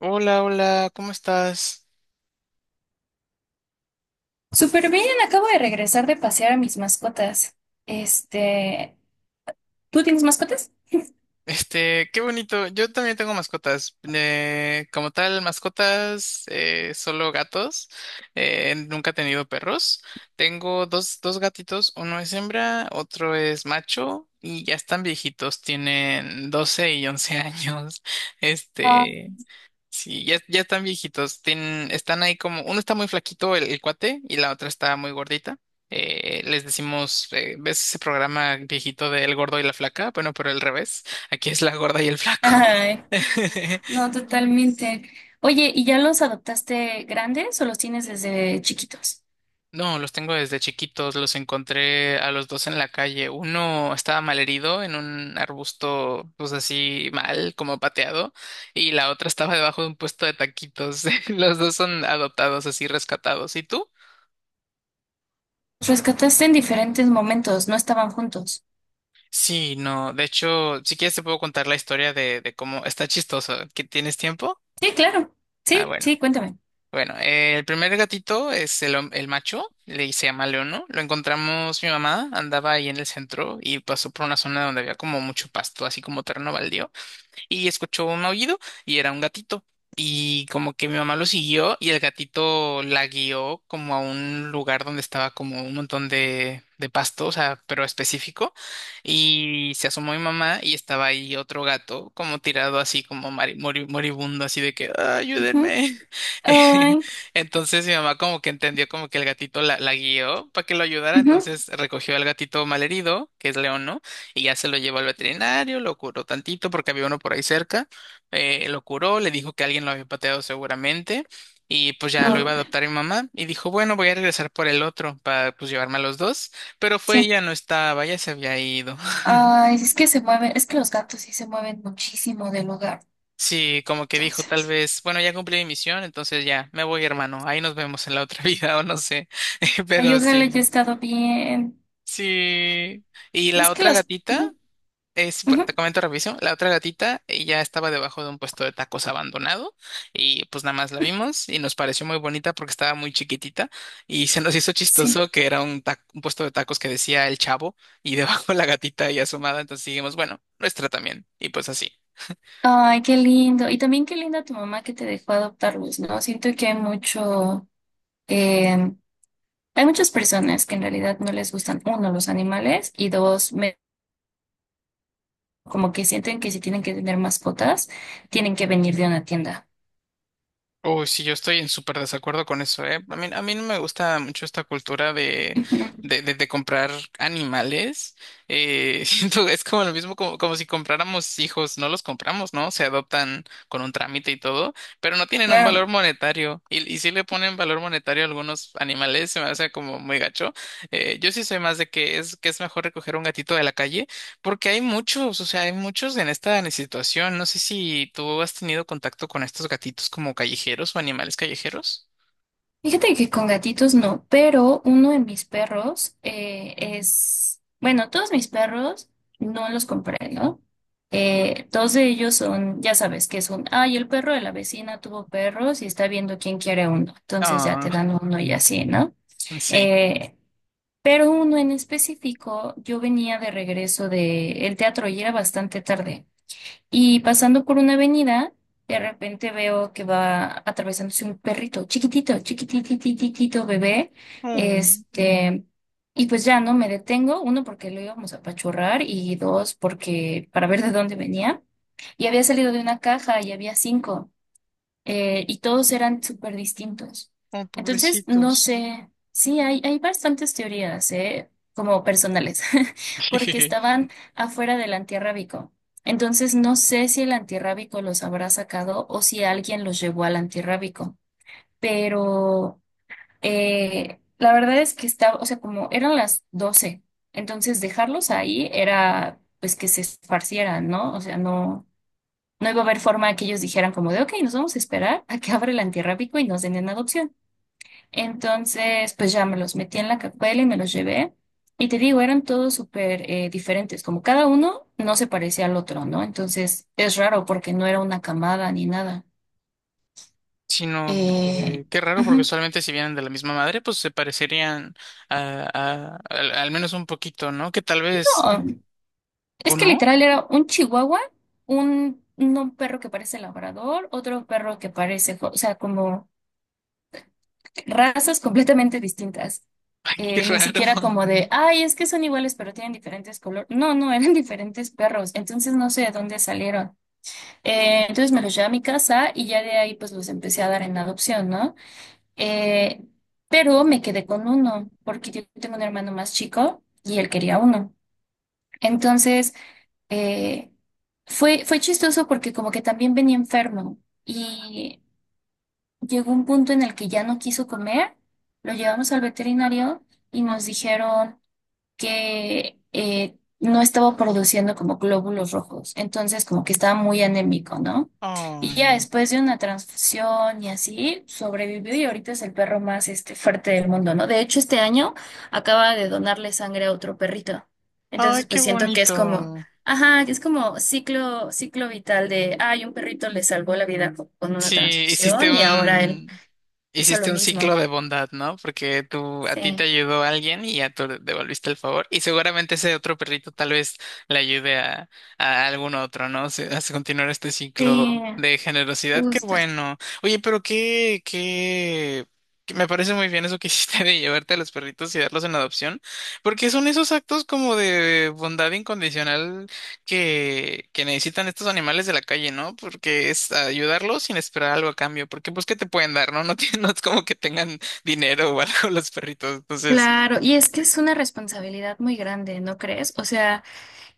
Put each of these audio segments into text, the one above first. Hola, hola, ¿cómo estás? Súper bien, acabo de regresar de pasear a mis mascotas. Este, ¿tú tienes mascotas? Qué bonito. Yo también tengo mascotas. Como tal, mascotas, solo gatos. Nunca he tenido perros. Tengo dos gatitos. Uno es hembra, otro es macho y ya están viejitos. Tienen 12 y 11 años. Ah. Este, Sí, ya están viejitos. Tienen, están ahí como, uno está muy flaquito, el cuate, y la otra está muy gordita. Les decimos, ¿ves ese programa viejito de El gordo y la flaca? Bueno, pero al revés. Aquí es la gorda y el flaco. Ay, no, totalmente. Oye, ¿y ya los adoptaste grandes o los tienes desde chiquitos? No, los tengo desde chiquitos. Los encontré a los dos en la calle. Uno estaba malherido en un arbusto, pues así mal, como pateado, y la otra estaba debajo de un puesto de taquitos. Los dos son adoptados, así rescatados. ¿Y tú? Los rescataste en diferentes momentos, no estaban juntos. Sí, no, de hecho, si quieres te puedo contar la historia de cómo está chistoso. ¿Que tienes tiempo? Sí, claro. Ah, Sí, bueno. sí, cuéntame. Bueno, el primer gatito es el, el macho, le se llama Leono. Lo encontramos mi mamá, andaba ahí en el centro y pasó por una zona donde había como mucho pasto, así como terreno baldío y escuchó un aullido y era un gatito. Y como que mi mamá lo siguió y el gatito la guió como a un lugar donde estaba como un montón de pasto, o sea, pero específico. Y se asomó mi mamá y estaba ahí otro gato como tirado así como moribundo, así de que, "Ah, Ujú. ayúdenme." Ay, Entonces mi mamá como que entendió como que el gatito la guió para que lo ayudara, ujú. entonces recogió al gatito malherido, que es León, ¿no? Y ya se lo llevó al veterinario, lo curó tantito porque había uno por ahí cerca, lo curó, le dijo que alguien lo había pateado seguramente y pues ya lo iba Lo- a adoptar mi mamá y dijo, bueno, voy a regresar por el otro para pues llevarme a los dos, pero fue sí. ella, no estaba, ya se había ido. Ay, es que se mueven, es que los gatos sí se mueven muchísimo del hogar. Sí, como que dijo tal Entonces, vez, bueno, ya cumplí mi misión, entonces ya, me voy hermano, ahí nos vemos en la otra vida o no sé, ay, pero ojalá haya sí, estado bien. sí. Y la Es que otra los, gatita. ujú, Es, bueno, ujú, te comento revisión. La otra gatita ya estaba debajo de un puesto de tacos abandonado y pues nada más la vimos y nos pareció muy bonita porque estaba muy chiquitita y se nos hizo sí. chistoso que era un, un puesto de tacos que decía el chavo y debajo la gatita y asomada. Entonces dijimos, bueno, nuestra también. Y pues así. Ay, qué lindo. Y también qué linda tu mamá que te dejó adoptarlos, ¿no? Siento que hay mucho, em, hay muchas personas que en realidad no les gustan, uno, los animales y dos, como que sienten que si tienen que tener mascotas, tienen que venir de una tienda. Uy, sí, yo estoy en súper desacuerdo con eso, ¿eh? A mí no me gusta mucho esta cultura de, Ujú. de, de, de comprar animales. Siento que es como lo mismo como, como si compráramos hijos, no los compramos, ¿no? Se adoptan con un trámite y todo, pero no tienen un valor Claro. monetario. Y si le ponen valor monetario a algunos animales, se me hace como muy gacho. Yo sí soy más de que es mejor recoger un gatito de la calle porque hay muchos, o sea, hay muchos en esta situación. No sé si tú has tenido contacto con estos gatitos como callejeros o animales callejeros. Fíjate que con gatitos no, pero uno de mis perros es, bueno, todos mis perros no los compré, ¿no? Dos de ellos son, ya sabes, que son, ay, el perro de la vecina tuvo perros y está viendo quién quiere uno, entonces ya Ah, te dan uno y así, ¿no? sí. Eh, pero uno en específico, yo venía de regreso del teatro y era bastante tarde. Y pasando por una avenida, de repente veo que va atravesándose un perrito chiquitito, chiquititititito bebé. Oh, Este, y pues ya no me detengo, uno porque lo íbamos a apachurrar y dos porque para ver de dónde venía. Y había salido de una caja y había cinco y todos eran súper distintos. oh, Entonces, no pobrecitos. sé, sí, hay bastantes teorías, ¿eh? Como personales, porque estaban afuera del antirrábico. Entonces, no sé si el antirrábico los habrá sacado o si alguien los llevó al antirrábico, pero la verdad es que estaba, o sea, como eran las 12:00, entonces dejarlos ahí era pues que se esparcieran, ¿no? O sea, no. No iba a haber forma que ellos dijeran como de, ok, nos vamos a esperar a que abra el antirrábico y nos den en adopción. Entonces, pues ya me los metí en la cacuela y me los llevé. Y te digo, eran todos súper diferentes, como cada uno no se parecía al otro, ¿no? Entonces, es raro porque no era una camada ni nada. Sino, Eh, qué raro, porque Ujú. solamente si vienen de la misma madre, pues se parecerían a, al menos un poquito, ¿no? Que tal vez, No, ¿o es que no? literal era un chihuahua, un, no un perro que parece labrador, otro perro que parece, o sea, como razas completamente distintas. Ay, qué Ni siquiera raro. como de, ay, es que son iguales pero tienen diferentes colores. No, no, eran diferentes perros, entonces no sé de dónde salieron. Entonces me los llevé a mi casa y ya de ahí pues los empecé a dar en adopción, ¿no? Eh, pero me quedé con uno porque yo tengo un hermano más chico y él quería uno. Entonces, eh, fue chistoso porque como que también venía enfermo y llegó un punto en el que ya no quiso comer, lo llevamos al veterinario y nos dijeron que no estaba produciendo como glóbulos rojos, entonces como que estaba muy anémico, ¿no? Y ya Ay, después de una transfusión y así, sobrevivió y ahorita es el perro más este, fuerte del mundo, ¿no? De hecho, este año acaba de donarle sangre a otro perrito. ay, Entonces, qué pues siento que es como, bonito. ajá, que es como ciclo, ciclo vital de, ay, un perrito le salvó la vida con una Sí, transfusión y ahora él hizo lo hiciste un mismo. ciclo de bondad, ¿no? Porque tú, a ti te Sí, ayudó alguien y ya tú devolviste el favor. Y seguramente ese otro perrito tal vez le ayude a algún otro, ¿no? A continuar este sí, ciclo de generosidad. Qué justo. bueno. Oye, pero que me parece muy bien eso que hiciste de llevarte a los perritos y darlos en adopción, porque son esos actos como de bondad incondicional que necesitan estos animales de la calle, ¿no? Porque es ayudarlos sin esperar algo a cambio, porque pues ¿qué te pueden dar, no? No, tienen- no es como que tengan dinero o algo los perritos, entonces Claro, y es que es una responsabilidad muy grande, ¿no crees? O sea,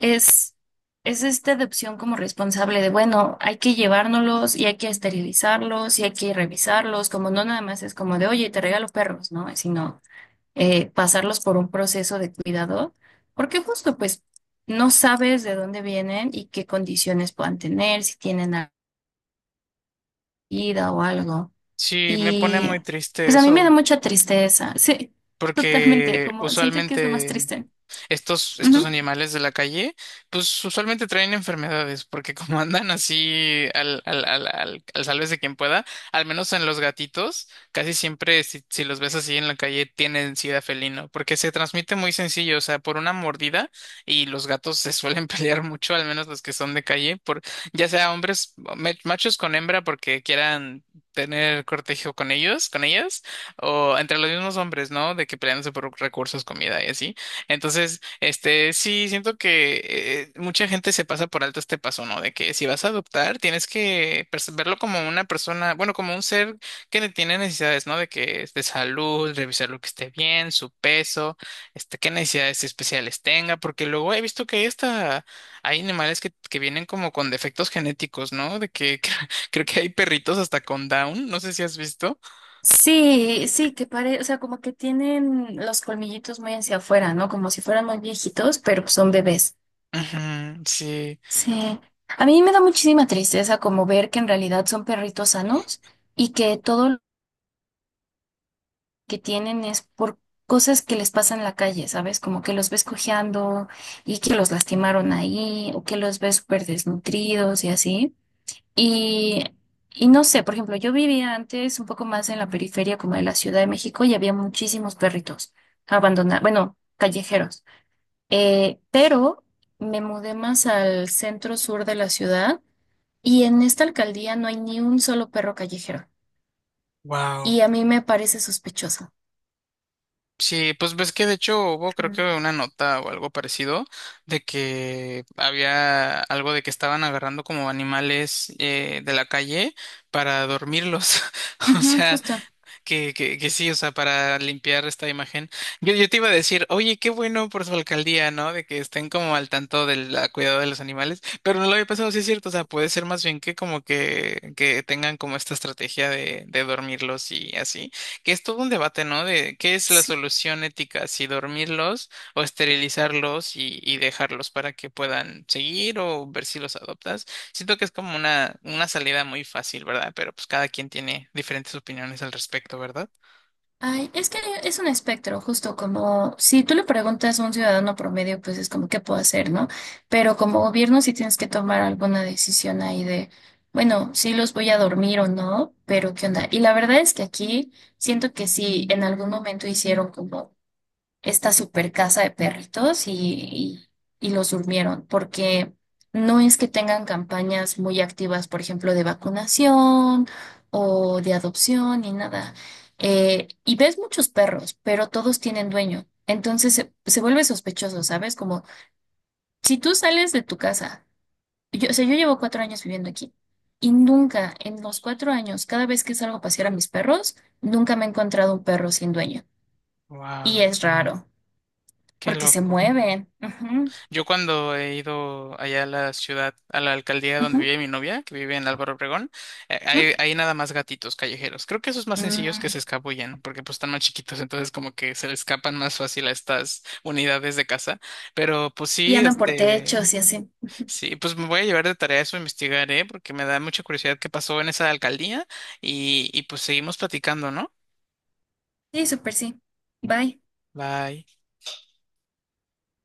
es, es esta adopción como responsable de, bueno, hay que llevárnoslos y hay que esterilizarlos y hay que revisarlos, como no nada más es como de, oye, te regalo perros, ¿no? Sino pasarlos por un proceso de cuidado, porque justo pues no sabes de dónde vienen y qué condiciones puedan tener, si tienen alguna vida o algo. sí, me pone Y muy triste pues a mí me da eso, mucha tristeza, sí, totalmente, porque como siento que es lo más usualmente triste. estos, Ujú. estos animales de la calle, pues usualmente traen enfermedades, porque como andan así al sálvese quien pueda, al menos en los gatitos, casi siempre si los ves así en la calle tienen sida felino, porque se transmite muy sencillo, o sea, por una mordida y los gatos se suelen pelear mucho, al menos los que son de calle, por ya sea hombres, machos con hembra porque quieran tener cortejo con ellos, con ellas, o entre los mismos hombres, ¿no? De que peleándose por recursos, comida y así. Entonces, este, sí, siento que mucha gente se pasa por alto este paso, ¿no? De que si vas a adoptar, tienes que verlo como una persona, bueno, como un ser que tiene necesidades, ¿no? De que es de salud, revisar lo que esté bien, su peso, este, qué necesidades especiales tenga, porque luego he visto que hay hasta, hay animales que vienen como con defectos genéticos, ¿no? De que creo que hay perritos hasta con Down, no sé si has visto. Sí, sí, que parece, o sea, como que tienen los colmillitos muy hacia afuera, ¿no? Como si fueran muy viejitos, pero pues son bebés. Ujú, sí, Sí. A mí me da muchísima tristeza como ver que en realidad son perritos sanos y que todo lo que tienen es por cosas que les pasan en la calle, ¿sabes? Como que los ves cojeando y que los lastimaron ahí o que los ves súper desnutridos y así. Y, y no sé, por ejemplo, yo vivía antes un poco más en la periferia como de la Ciudad de México y había muchísimos perritos abandonados, bueno, callejeros. Pero me mudé más al centro sur de la ciudad y en esta alcaldía no hay ni un solo perro callejero. wow. Y a mí me parece sospechoso. Sí, pues ves que de hecho hubo creo que Mm. una nota o algo parecido de que había algo de que estaban agarrando como animales de la calle para dormirlos. O Ujú, sea, justo. que sí, o sea, para limpiar esta imagen. Yo te iba a decir, oye, qué bueno por su alcaldía, ¿no? De que estén como al tanto del cuidado de los animales, pero no lo había pensado, sí es cierto, o sea, puede ser más bien que como que tengan como esta estrategia de dormirlos y así, que es todo un debate, ¿no? De qué es la Sí. solución ética, si dormirlos o esterilizarlos y dejarlos para que puedan seguir o ver si los adoptas. Siento que es como una salida muy fácil, ¿verdad? Pero pues cada quien tiene diferentes opiniones al respecto, ¿verdad? Ay, es que es un espectro, justo como si tú le preguntas a un ciudadano promedio, pues es como qué puedo hacer, ¿no? Pero como gobierno sí tienes que tomar alguna decisión ahí de, bueno, sí los voy a dormir o no, pero ¿qué onda? Y la verdad es que aquí siento que sí, en algún momento hicieron como esta super casa de perritos y los durmieron, porque no es que tengan campañas muy activas, por ejemplo, de vacunación o de adopción ni nada. Y ves muchos perros, pero todos tienen dueño. Entonces se vuelve sospechoso, ¿sabes? Como si tú sales de tu casa, yo, o sea, yo llevo 4 años viviendo aquí y nunca en los 4 años, cada vez que salgo a pasear a mis perros, nunca me he encontrado un perro sin dueño. Y Wow, es raro qué porque se loco. mueven. Ujú, Yo cuando he ido allá a la ciudad, a la alcaldía donde ujú, vive mi novia, que vive en Álvaro Obregón, ujú. Hay nada más gatitos callejeros. Creo que esos más sencillos que Mm. se escabullen, porque pues están más chiquitos, entonces como que se le escapan más fácil a estas unidades de casa. Pero pues Y sí, andan por este, techos y así. sí, pues me voy a llevar de tarea eso, investigar, ¿eh? Porque me da mucha curiosidad qué pasó en esa alcaldía y pues seguimos platicando, ¿no? Sí, súper sí. Bye. Bye.